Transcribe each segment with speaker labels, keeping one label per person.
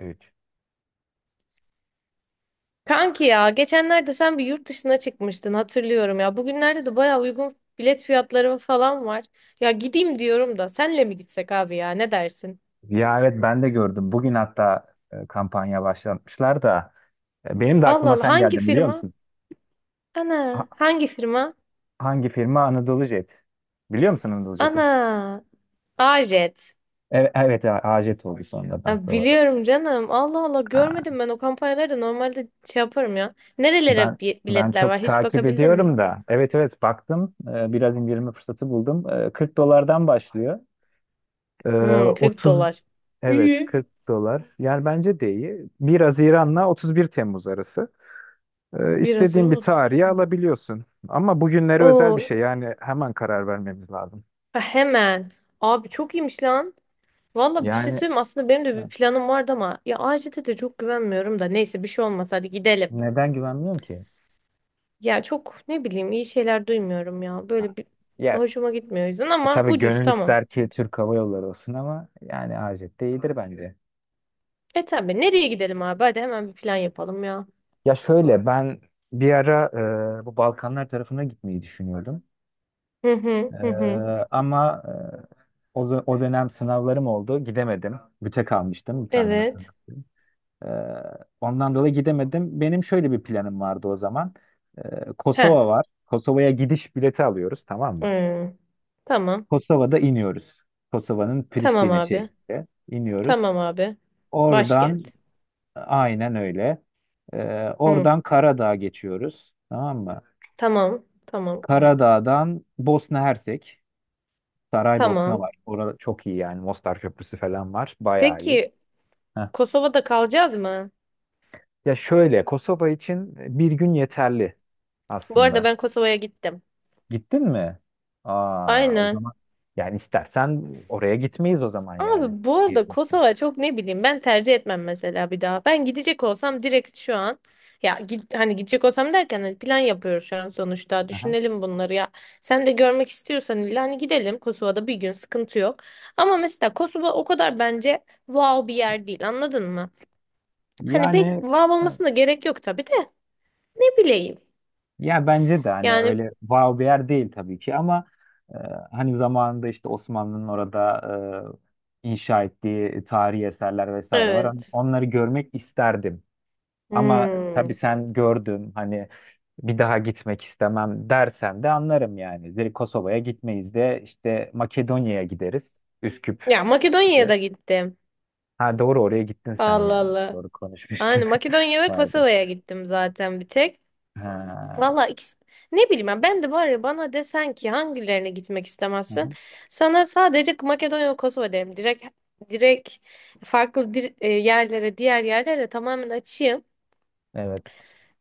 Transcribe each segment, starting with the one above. Speaker 1: 3.
Speaker 2: Kanki ya geçenlerde sen bir yurt dışına çıkmıştın hatırlıyorum ya. Bugünlerde de baya uygun bilet fiyatları falan var. Ya gideyim diyorum da senle mi gitsek abi ya ne dersin?
Speaker 1: Ya, evet, ben de gördüm. Bugün hatta kampanya başlatmışlar da benim de
Speaker 2: Allah
Speaker 1: aklıma
Speaker 2: Allah
Speaker 1: sen
Speaker 2: hangi
Speaker 1: geldin biliyor
Speaker 2: firma?
Speaker 1: musun? Ha-
Speaker 2: Ana hangi firma?
Speaker 1: hangi firma? Anadolu Jet. Biliyor musun Anadolu Jet'i?
Speaker 2: Ana Ajet.
Speaker 1: Evet, evet, AJet oldu sonradan,
Speaker 2: Ya
Speaker 1: doğru.
Speaker 2: biliyorum canım Allah Allah
Speaker 1: Ha,
Speaker 2: görmedim ben o kampanyaları da normalde şey yaparım ya.
Speaker 1: Ben
Speaker 2: Nerelere
Speaker 1: ben
Speaker 2: biletler var
Speaker 1: çok
Speaker 2: hiç
Speaker 1: takip
Speaker 2: bakabildin mi?
Speaker 1: ediyorum da. Evet, evet, baktım. Biraz indirme fırsatı buldum. 40 dolardan başlıyor. E,
Speaker 2: Hmm 40
Speaker 1: 30
Speaker 2: dolar.
Speaker 1: evet
Speaker 2: İyi.
Speaker 1: 40 dolar. Yani bence de iyi. 1 Haziran'la 31 Temmuz arası.
Speaker 2: Biraz
Speaker 1: İstediğin
Speaker 2: Haziran
Speaker 1: bir
Speaker 2: 31
Speaker 1: tarihi
Speaker 2: Temmuz.
Speaker 1: alabiliyorsun. Ama bugünlere özel bir
Speaker 2: Oo
Speaker 1: şey. Yani hemen karar vermemiz lazım.
Speaker 2: ha, hemen. Abi çok iyiymiş lan. Valla bir şey
Speaker 1: Yani
Speaker 2: söyleyeyim mi? Aslında benim de bir
Speaker 1: evet,
Speaker 2: planım vardı ama ya AJT'de de çok güvenmiyorum da neyse bir şey olmaz hadi gidelim.
Speaker 1: neden güvenmiyorum ki?
Speaker 2: Ya çok ne bileyim iyi şeyler duymuyorum ya böyle bir
Speaker 1: Ya,
Speaker 2: hoşuma gitmiyor o yüzden ama
Speaker 1: tabii
Speaker 2: ucuz
Speaker 1: gönül
Speaker 2: tamam.
Speaker 1: ister ki Türk Hava Yolları olsun ama yani Hacet de iyidir bence.
Speaker 2: E tabi nereye gidelim abi hadi hemen bir plan yapalım ya.
Speaker 1: Ya şöyle, ben bir ara bu Balkanlar tarafına gitmeyi düşünüyordum.
Speaker 2: Hı hı
Speaker 1: E,
Speaker 2: hı hı.
Speaker 1: ama o dönem sınavlarım oldu. Gidemedim. Büte kalmıştım bir tane.
Speaker 2: Evet.
Speaker 1: Ee, Ondan dolayı gidemedim. Benim şöyle bir planım vardı o zaman.
Speaker 2: Heh.
Speaker 1: Kosova var. Kosova'ya gidiş bileti alıyoruz, tamam mı?
Speaker 2: Hmm. Tamam.
Speaker 1: Kosova'da iniyoruz. Kosova'nın
Speaker 2: Tamam
Speaker 1: Priştine
Speaker 2: abi.
Speaker 1: şehrinde iniyoruz.
Speaker 2: Tamam abi. Başkent.
Speaker 1: Oradan aynen öyle.
Speaker 2: Hı.
Speaker 1: Oradan Karadağ geçiyoruz. Tamam mı?
Speaker 2: Tamam. Tamam.
Speaker 1: Karadağ'dan Bosna Hersek. Saraybosna
Speaker 2: Tamam.
Speaker 1: var. Orada çok iyi yani. Mostar Köprüsü falan var. Bayağı iyi.
Speaker 2: Peki
Speaker 1: Heh.
Speaker 2: Kosova'da kalacağız mı?
Speaker 1: Ya şöyle, Kosova için bir gün yeterli
Speaker 2: Bu arada
Speaker 1: aslında.
Speaker 2: ben Kosova'ya gittim.
Speaker 1: Gittin mi? Aa, o
Speaker 2: Aynen.
Speaker 1: zaman yani istersen oraya gitmeyiz o zaman yani.
Speaker 2: Abi bu arada
Speaker 1: Gezmişsin.
Speaker 2: Kosova çok ne bileyim ben tercih etmem mesela bir daha. Ben gidecek olsam direkt şu an ya git, hani gidecek olsam derken hani plan yapıyoruz şu an sonuçta.
Speaker 1: Aha.
Speaker 2: Düşünelim bunları ya. Sen de görmek istiyorsan illa hani gidelim Kosova'da bir gün sıkıntı yok. Ama mesela Kosova o kadar bence wow bir yer değil anladın mı? Hani pek
Speaker 1: Yani
Speaker 2: wow
Speaker 1: e,
Speaker 2: olmasına gerek yok tabii de ne bileyim.
Speaker 1: ya bence de hani
Speaker 2: Yani
Speaker 1: öyle wow bir yer değil tabii ki ama e, hani zamanında işte Osmanlı'nın orada inşa ettiği tarihi eserler vesaire var. Hani
Speaker 2: evet.
Speaker 1: onları görmek isterdim. Ama
Speaker 2: Hmm.
Speaker 1: tabii sen gördün, hani bir daha gitmek istemem dersen de anlarım yani. Direkt Kosova'ya gitmeyiz de işte Makedonya'ya gideriz. Üsküp.
Speaker 2: Ya Makedonya'ya da gittim.
Speaker 1: Ha, doğru, oraya gittin sen
Speaker 2: Allah
Speaker 1: ya.
Speaker 2: Allah.
Speaker 1: Doğru konuşmuştuk.
Speaker 2: Aynen Makedonya ve
Speaker 1: Pardon.
Speaker 2: Kosova'ya gittim zaten bir tek.
Speaker 1: Ha.
Speaker 2: Valla ikisi- ne bileyim ben, ben de var ya bana desen ki hangilerine gitmek
Speaker 1: Hı
Speaker 2: istemezsin.
Speaker 1: hı.
Speaker 2: Sana sadece Makedonya ve Kosova derim. Direkt direkt farklı diğer yerlere tamamen açayım.
Speaker 1: Evet.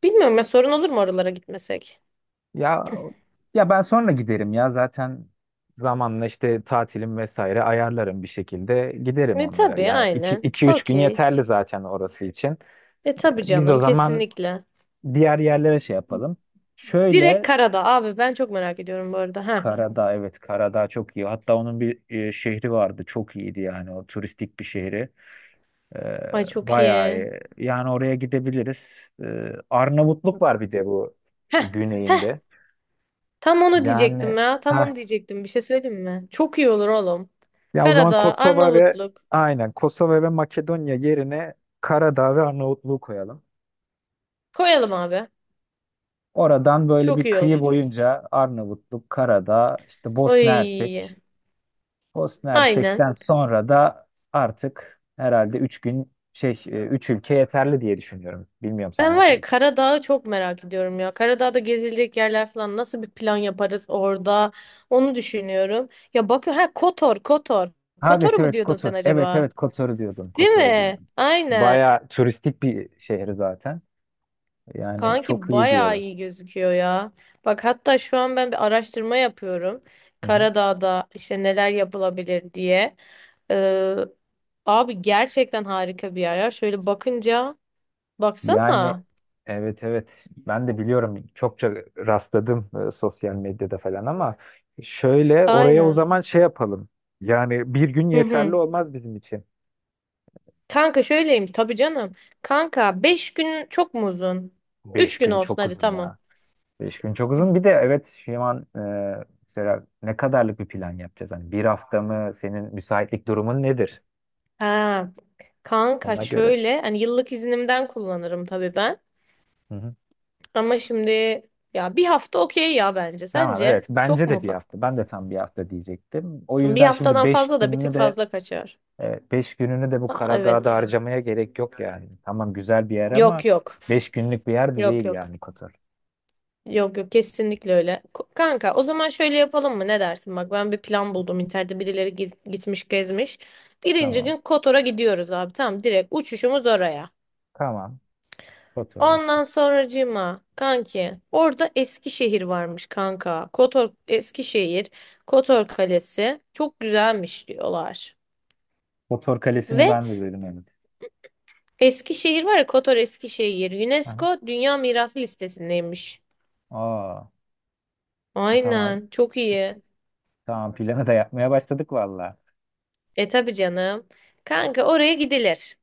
Speaker 2: Bilmiyorum ya sorun olur mu oralara gitmesek?
Speaker 1: Ya ya, ben sonra giderim ya zaten zamanla işte tatilim vesaire ayarlarım bir şekilde giderim
Speaker 2: E
Speaker 1: onlara.
Speaker 2: tabii
Speaker 1: Yani
Speaker 2: aynen.
Speaker 1: iki üç gün
Speaker 2: Okey.
Speaker 1: yeterli zaten orası için.
Speaker 2: E tabii
Speaker 1: Biz
Speaker 2: canım
Speaker 1: o zaman
Speaker 2: kesinlikle.
Speaker 1: diğer yerlere şey yapalım.
Speaker 2: Direkt
Speaker 1: Şöyle,
Speaker 2: karada abi ben çok merak ediyorum bu arada. Ha,
Speaker 1: Karadağ, evet, Karadağ çok iyi. Hatta onun bir şehri vardı çok iyiydi yani, o turistik bir şehri. Ee,
Speaker 2: Ay çok
Speaker 1: Bayağı
Speaker 2: iyi.
Speaker 1: iyi. Yani oraya gidebiliriz. Arnavutluk var bir de bu
Speaker 2: Heh. Heh.
Speaker 1: güneyinde.
Speaker 2: Tam onu
Speaker 1: Yani,
Speaker 2: diyecektim ya. Tam onu
Speaker 1: ha,
Speaker 2: diyecektim. Bir şey söyleyeyim mi? Çok iyi olur oğlum.
Speaker 1: ya o zaman
Speaker 2: Karadağ,
Speaker 1: Kosova ve,
Speaker 2: Arnavutluk.
Speaker 1: aynen, Kosova ve Makedonya yerine Karadağ ve Arnavutluğu koyalım.
Speaker 2: Koyalım abi.
Speaker 1: Oradan böyle
Speaker 2: Çok
Speaker 1: bir
Speaker 2: iyi
Speaker 1: kıyı
Speaker 2: olur.
Speaker 1: boyunca Arnavutluk, Karadağ, işte Bosna
Speaker 2: Oy.
Speaker 1: Hersek. Bosna
Speaker 2: Aynen.
Speaker 1: Hersek'ten sonra da artık herhalde 3 gün şey 3 ülke yeterli diye düşünüyorum. Bilmiyorum sen
Speaker 2: Ben var
Speaker 1: nasıl.
Speaker 2: ya Karadağ'ı çok merak ediyorum ya. Karadağ'da gezilecek yerler falan nasıl bir plan yaparız orada? Onu düşünüyorum. Ya bakıyor ha Kotor, Kotor.
Speaker 1: Ha,
Speaker 2: Kotor
Speaker 1: evet,
Speaker 2: mu
Speaker 1: evet,
Speaker 2: diyordun sen
Speaker 1: Kotor. Evet,
Speaker 2: acaba?
Speaker 1: evet, Kotor'u diyordum.
Speaker 2: Değil
Speaker 1: Kotor'u
Speaker 2: mi?
Speaker 1: diyordum.
Speaker 2: Aynen.
Speaker 1: Baya turistik bir şehir zaten. Yani çok
Speaker 2: Kanki
Speaker 1: iyi
Speaker 2: bayağı
Speaker 1: diyorlar.
Speaker 2: iyi gözüküyor ya. Bak hatta şu an ben bir araştırma yapıyorum.
Speaker 1: Hı hı.
Speaker 2: Karadağ'da işte neler yapılabilir diye. Ee, abi gerçekten harika bir yer ya. Şöyle bakınca
Speaker 1: Yani
Speaker 2: Baksana.
Speaker 1: evet, evet, ben de biliyorum, çokça rastladım sosyal medyada falan ama şöyle, oraya o
Speaker 2: Aynen.
Speaker 1: zaman şey yapalım. Yani bir gün
Speaker 2: Hı hı.
Speaker 1: yeterli olmaz bizim için.
Speaker 2: Kanka şöyleymiş tabii canım. Kanka 5 gün çok mu uzun? 3
Speaker 1: Beş
Speaker 2: gün
Speaker 1: gün
Speaker 2: olsun
Speaker 1: çok
Speaker 2: hadi
Speaker 1: uzun
Speaker 2: tamam.
Speaker 1: ya. 5 gün çok
Speaker 2: Hı.
Speaker 1: uzun. Bir de evet, şu an mesela ne kadarlık bir plan yapacağız? Hani bir hafta mı? Senin müsaitlik durumun nedir?
Speaker 2: Ha, kanka
Speaker 1: Ona göre.
Speaker 2: şöyle hani yıllık iznimden kullanırım tabii ben.
Speaker 1: Hı hı.
Speaker 2: Ama şimdi ya bir hafta okey ya bence.
Speaker 1: Tamam,
Speaker 2: Sence
Speaker 1: evet,
Speaker 2: çok
Speaker 1: bence
Speaker 2: mu
Speaker 1: de bir
Speaker 2: ufak?
Speaker 1: hafta, ben de tam bir hafta diyecektim. O
Speaker 2: Bir
Speaker 1: yüzden şimdi
Speaker 2: haftadan
Speaker 1: beş
Speaker 2: fazla da bir tık
Speaker 1: gününü de
Speaker 2: fazla kaçar.
Speaker 1: e, beş gününü de bu
Speaker 2: Aa,
Speaker 1: Karadağ'da
Speaker 2: evet.
Speaker 1: harcamaya gerek yok yani. Tamam, güzel bir yer ama
Speaker 2: Yok yok.
Speaker 1: 5 günlük bir yer de
Speaker 2: Yok
Speaker 1: değil
Speaker 2: yok.
Speaker 1: yani Kotor.
Speaker 2: Yok yok kesinlikle öyle. Kanka o zaman şöyle yapalım mı? Ne dersin? Bak ben bir plan buldum internette birileri gitmiş gezmiş. Birinci
Speaker 1: Tamam,
Speaker 2: gün Kotor'a gidiyoruz abi tamam direkt uçuşumuz oraya.
Speaker 1: tamam, Kotor işte.
Speaker 2: Ondan sonracığıma kanki orada Eskişehir varmış kanka. Kotor Eskişehir, Kotor Kalesi çok güzelmiş diyorlar.
Speaker 1: Kotor Kalesi'ni
Speaker 2: Ve
Speaker 1: ben de gördüm, evet.
Speaker 2: Eskişehir var ya Kotor Eskişehir
Speaker 1: Aha.
Speaker 2: UNESCO Dünya Mirası listesindeymiş.
Speaker 1: Aa, tamam,
Speaker 2: Aynen çok iyi.
Speaker 1: tamam, planı da yapmaya başladık valla.
Speaker 2: E tabi canım. Kanka oraya gidilir.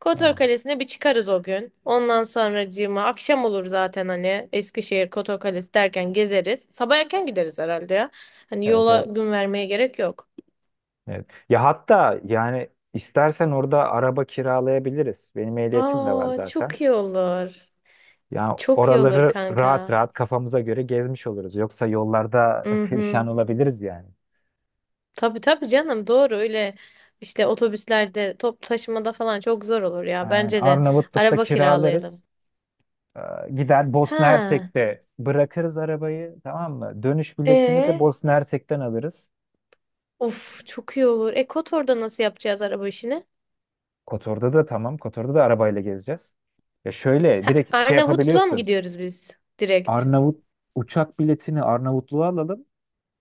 Speaker 2: Kotor
Speaker 1: Tamam,
Speaker 2: Kalesi'ne bir çıkarız o gün. Ondan sonracığıma akşam olur zaten hani Eskişehir Kotor Kalesi derken gezeriz. Sabah erken gideriz herhalde ya. Hani
Speaker 1: evet,
Speaker 2: yola
Speaker 1: evet.
Speaker 2: gün vermeye gerek yok.
Speaker 1: Evet. Ya hatta yani istersen orada araba kiralayabiliriz. Benim ehliyetim de var
Speaker 2: Aa
Speaker 1: zaten.
Speaker 2: çok iyi olur.
Speaker 1: Ya
Speaker 2: Çok iyi olur
Speaker 1: oraları rahat
Speaker 2: kanka.
Speaker 1: rahat kafamıza göre gezmiş oluruz. Yoksa yollarda perişan
Speaker 2: Mhm.
Speaker 1: olabiliriz yani.
Speaker 2: Tabii tabii canım doğru öyle işte otobüslerde top taşımada falan çok zor olur ya.
Speaker 1: Aynen.
Speaker 2: Bence de
Speaker 1: Arnavutluk'ta
Speaker 2: araba kiralayalım.
Speaker 1: kiralarız. Gider Bosna
Speaker 2: Ha.
Speaker 1: Hersek'te bırakırız arabayı, tamam mı? Dönüş biletini de
Speaker 2: E
Speaker 1: Bosna Hersek'ten alırız.
Speaker 2: of çok iyi olur. E Kotor'da nasıl yapacağız araba işini?
Speaker 1: Kotor'da da tamam. Kotor'da da arabayla gezeceğiz. Ya şöyle
Speaker 2: Ha,
Speaker 1: direkt şey
Speaker 2: Arnavutluğa mı
Speaker 1: yapabiliyorsun.
Speaker 2: gidiyoruz biz direkt?
Speaker 1: Arnavut Uçak biletini Arnavutluğa alalım.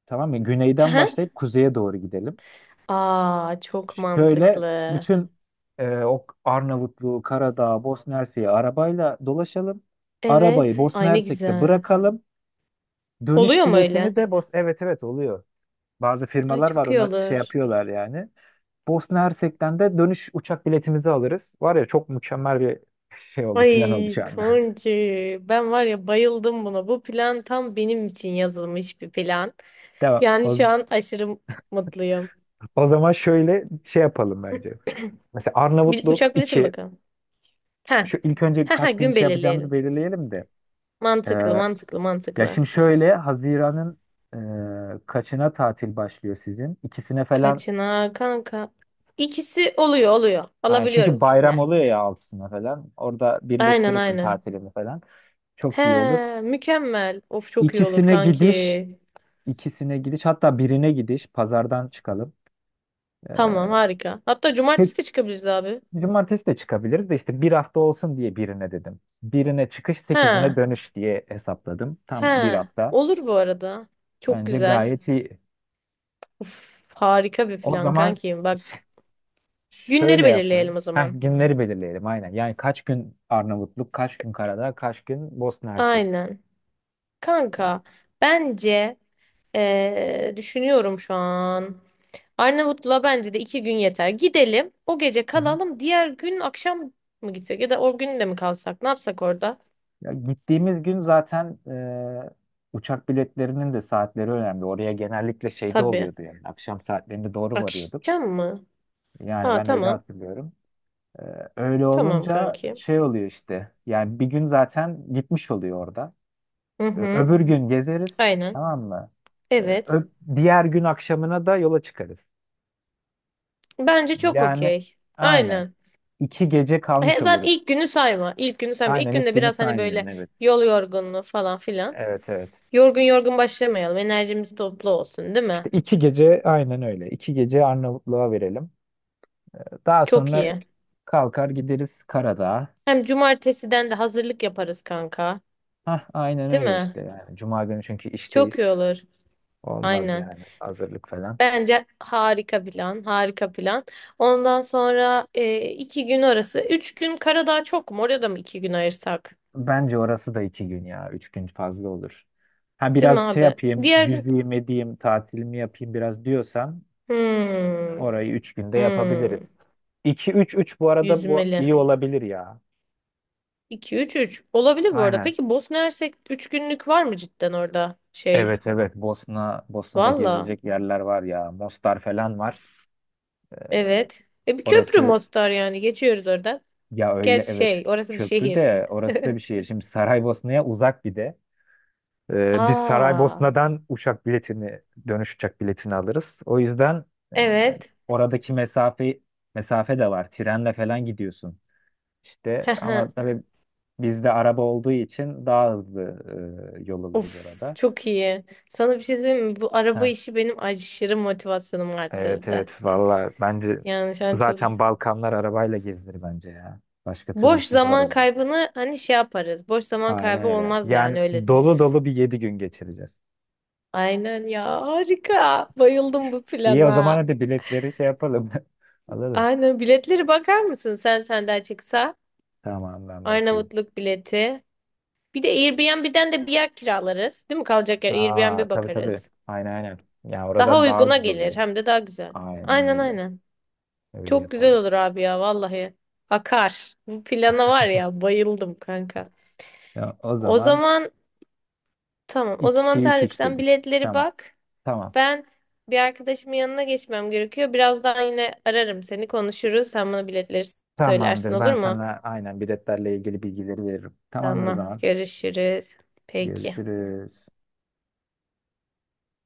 Speaker 1: Tamam mı?
Speaker 2: Hı
Speaker 1: Güneyden
Speaker 2: hı.
Speaker 1: başlayıp kuzeye doğru gidelim.
Speaker 2: Aa çok
Speaker 1: Şöyle
Speaker 2: mantıklı.
Speaker 1: bütün o Arnavutluğu, Karadağ, Bosna Hersek'i arabayla dolaşalım. Arabayı
Speaker 2: Evet.
Speaker 1: Bosna
Speaker 2: Ay ne
Speaker 1: Hersek'te
Speaker 2: güzel.
Speaker 1: bırakalım.
Speaker 2: Oluyor
Speaker 1: Dönüş
Speaker 2: mu öyle?
Speaker 1: biletini de evet, evet, oluyor. Bazı
Speaker 2: Ay
Speaker 1: firmalar var,
Speaker 2: çok iyi
Speaker 1: ona şey
Speaker 2: olur.
Speaker 1: yapıyorlar yani. Bosna Hersek'ten de dönüş uçak biletimizi alırız. Var ya, çok mükemmel bir şey oldu, plan oldu
Speaker 2: Ay
Speaker 1: şu anda.
Speaker 2: kanki ben var ya bayıldım buna. Bu plan tam benim için yazılmış bir plan.
Speaker 1: Devam.
Speaker 2: Yani
Speaker 1: O,
Speaker 2: şu an aşırı mutluyum.
Speaker 1: o zaman şöyle şey yapalım bence. Mesela Arnavutluk
Speaker 2: Uçak bileti mi
Speaker 1: 2.
Speaker 2: bakalım? Ha.
Speaker 1: Şu ilk önce
Speaker 2: Ha ha
Speaker 1: kaç gün
Speaker 2: gün
Speaker 1: şey yapacağımızı
Speaker 2: belirleyelim.
Speaker 1: belirleyelim de.
Speaker 2: Mantıklı mantıklı
Speaker 1: Ya
Speaker 2: mantıklı.
Speaker 1: şimdi şöyle, Haziran'ın kaçına tatil başlıyor sizin? İkisine falan.
Speaker 2: Kaçına kanka? İkisi oluyor oluyor.
Speaker 1: Yani
Speaker 2: Alabiliyorum
Speaker 1: çünkü bayram
Speaker 2: ikisine.
Speaker 1: oluyor ya altısına falan. Orada
Speaker 2: Aynen
Speaker 1: birleştirirsin
Speaker 2: aynen.
Speaker 1: tatilini falan. Çok iyi olur.
Speaker 2: He, mükemmel. Of çok iyi olur
Speaker 1: İkisine gidiş,
Speaker 2: kanki.
Speaker 1: ikisine gidiş, hatta birine gidiş. Pazardan çıkalım. E,
Speaker 2: Tamam harika. Hatta cumartesi
Speaker 1: seç-
Speaker 2: de çıkabiliriz abi.
Speaker 1: Cumartesi de çıkabiliriz de işte bir hafta olsun diye birine dedim. Birine çıkış, sekizine
Speaker 2: He.
Speaker 1: dönüş diye hesapladım. Tam bir
Speaker 2: He.
Speaker 1: hafta.
Speaker 2: Olur bu arada. Çok
Speaker 1: Bence
Speaker 2: güzel.
Speaker 1: gayet iyi.
Speaker 2: Of harika bir
Speaker 1: O
Speaker 2: plan
Speaker 1: zaman
Speaker 2: kanki. Bak günleri
Speaker 1: şöyle
Speaker 2: belirleyelim
Speaker 1: yapalım.
Speaker 2: o
Speaker 1: Heh,
Speaker 2: zaman.
Speaker 1: günleri belirleyelim aynen. Yani kaç gün Arnavutluk, kaç gün Karadağ, kaç gün Bosna Hersek.
Speaker 2: Aynen. Kanka bence düşünüyorum şu an. Arnavutlu'la bence de 2 gün yeter. Gidelim. O gece
Speaker 1: Hı hı.
Speaker 2: kalalım. Diğer gün akşam mı gitsek ya da o gün de mi kalsak? Ne yapsak orada?
Speaker 1: Ya gittiğimiz gün zaten uçak biletlerinin de saatleri önemli. Oraya genellikle şeyde
Speaker 2: Tabii.
Speaker 1: oluyordu yani. Akşam saatlerinde doğru varıyorduk.
Speaker 2: Akşam mı?
Speaker 1: Yani
Speaker 2: Aa
Speaker 1: ben öyle
Speaker 2: tamam.
Speaker 1: hatırlıyorum. E, Öyle
Speaker 2: Tamam
Speaker 1: olunca
Speaker 2: kanki.
Speaker 1: şey oluyor işte. Yani bir gün zaten gitmiş oluyor orada.
Speaker 2: Hı hı.
Speaker 1: Öbür gün gezeriz.
Speaker 2: Aynen.
Speaker 1: Tamam mı? E,
Speaker 2: Evet.
Speaker 1: ö- Diğer gün akşamına da yola çıkarız.
Speaker 2: Bence çok
Speaker 1: Yani
Speaker 2: okey.
Speaker 1: aynen.
Speaker 2: Aynen.
Speaker 1: 2 gece
Speaker 2: He,
Speaker 1: kalmış
Speaker 2: zaten
Speaker 1: oluruz.
Speaker 2: ilk günü sayma. İlk günü sayma. İlk
Speaker 1: Aynen ilk
Speaker 2: günde
Speaker 1: günü
Speaker 2: biraz hani
Speaker 1: saymıyorsun,
Speaker 2: böyle
Speaker 1: evet.
Speaker 2: yol yorgunluğu falan filan.
Speaker 1: Evet, evet.
Speaker 2: Yorgun yorgun başlamayalım. Enerjimiz toplu olsun, değil mi?
Speaker 1: İşte 2 gece aynen öyle. 2 gece Arnavutluğa verelim. Daha
Speaker 2: Çok
Speaker 1: sonra
Speaker 2: iyi.
Speaker 1: kalkar gideriz Karadağ'a.
Speaker 2: Hem cumartesiden de hazırlık yaparız kanka.
Speaker 1: Hah, aynen
Speaker 2: Değil
Speaker 1: öyle
Speaker 2: mi?
Speaker 1: işte yani. Cuma günü çünkü işteyiz.
Speaker 2: Çok iyi olur.
Speaker 1: Olmaz
Speaker 2: Aynen.
Speaker 1: yani hazırlık falan.
Speaker 2: Bence harika plan, harika plan. Ondan sonra iki gün arası. 3 gün Karadağ çok mu? Oraya da mı 2 gün ayırsak?
Speaker 1: Bence orası da 2 gün ya. 3 gün fazla olur. Ha
Speaker 2: Değil mi
Speaker 1: biraz şey
Speaker 2: abi?
Speaker 1: yapayım,
Speaker 2: Diğer gün...
Speaker 1: yüzeyim edeyim, tatilimi yapayım biraz diyorsan
Speaker 2: Hmm,
Speaker 1: orayı 3 günde
Speaker 2: hmm,
Speaker 1: yapabiliriz. İki, üç, üç, bu arada bu
Speaker 2: yüzmeli.
Speaker 1: iyi olabilir ya.
Speaker 2: İki üç, üç. Olabilir bu arada.
Speaker 1: Aynen.
Speaker 2: Peki Bosna Hersek 3 günlük var mı cidden orada? Şey,
Speaker 1: Evet, evet, Bosna'da
Speaker 2: valla.
Speaker 1: gezilecek yerler var ya. Mostar falan var.
Speaker 2: Evet. E bir köprü
Speaker 1: Orası,
Speaker 2: Mostar yani. Geçiyoruz oradan.
Speaker 1: ya öyle,
Speaker 2: Gerçi şey,
Speaker 1: evet,
Speaker 2: orası bir
Speaker 1: köprü
Speaker 2: şehir.
Speaker 1: de, orası da bir şehir. Şimdi Saraybosna'ya uzak bir de. Biz
Speaker 2: Aa,
Speaker 1: Saraybosna'dan uçak biletini dönüş uçak biletini alırız. O yüzden e,
Speaker 2: evet.
Speaker 1: oradaki mesafe de var. Trenle falan gidiyorsun. İşte ama tabii bizde araba olduğu için daha hızlı yol alırız
Speaker 2: Of
Speaker 1: orada.
Speaker 2: çok iyi. Sana bir şey söyleyeyim mi? Bu araba işi benim aşırı motivasyonumu
Speaker 1: Evet,
Speaker 2: arttırdı.
Speaker 1: evet, valla bence
Speaker 2: Yani şu an çok iyi.
Speaker 1: zaten Balkanlar arabayla gezilir bence ya. Başka
Speaker 2: Boş
Speaker 1: türlüsü zor
Speaker 2: zaman
Speaker 1: yani.
Speaker 2: kaybını hani şey yaparız. Boş zaman
Speaker 1: Aynen
Speaker 2: kaybı
Speaker 1: öyle.
Speaker 2: olmaz
Speaker 1: Yani
Speaker 2: yani öyle.
Speaker 1: dolu dolu bir 7 gün geçireceğiz.
Speaker 2: Aynen ya harika. Bayıldım bu
Speaker 1: İyi, o zaman
Speaker 2: plana.
Speaker 1: hadi biletleri şey yapalım. Alalım.
Speaker 2: Aynen biletleri bakar mısın sen senden çıksa?
Speaker 1: Tamam, ben bakayım.
Speaker 2: Arnavutluk bileti. Bir de Airbnb'den de bir yer kiralarız. Değil mi kalacak yer?
Speaker 1: Aa,
Speaker 2: Airbnb
Speaker 1: tabii, tabii.
Speaker 2: bakarız.
Speaker 1: Aynen, aynen. Ya
Speaker 2: Daha
Speaker 1: oradan daha
Speaker 2: uyguna
Speaker 1: ucuz
Speaker 2: gelir
Speaker 1: oluyor.
Speaker 2: hem de daha güzel.
Speaker 1: Aynen
Speaker 2: Aynen
Speaker 1: öyle.
Speaker 2: aynen.
Speaker 1: Öyle
Speaker 2: Çok güzel
Speaker 1: yapalım.
Speaker 2: olur abi ya vallahi. Akar. Bu plana var ya bayıldım kanka.
Speaker 1: Ya, o
Speaker 2: O
Speaker 1: zaman
Speaker 2: zaman tamam. O zaman
Speaker 1: iki üç
Speaker 2: Tarık
Speaker 1: üç
Speaker 2: sen
Speaker 1: dedik.
Speaker 2: biletleri
Speaker 1: Tamam.
Speaker 2: bak.
Speaker 1: Tamam.
Speaker 2: Ben bir arkadaşımın yanına geçmem gerekiyor. Birazdan yine ararım seni konuşuruz. Sen bana biletleri söylersin
Speaker 1: Tamamdır.
Speaker 2: olur
Speaker 1: Ben
Speaker 2: mu?
Speaker 1: sana aynen biletlerle ilgili bilgileri veririm. Tamamdır o
Speaker 2: Tamam.
Speaker 1: zaman.
Speaker 2: Görüşürüz. Peki.
Speaker 1: Görüşürüz.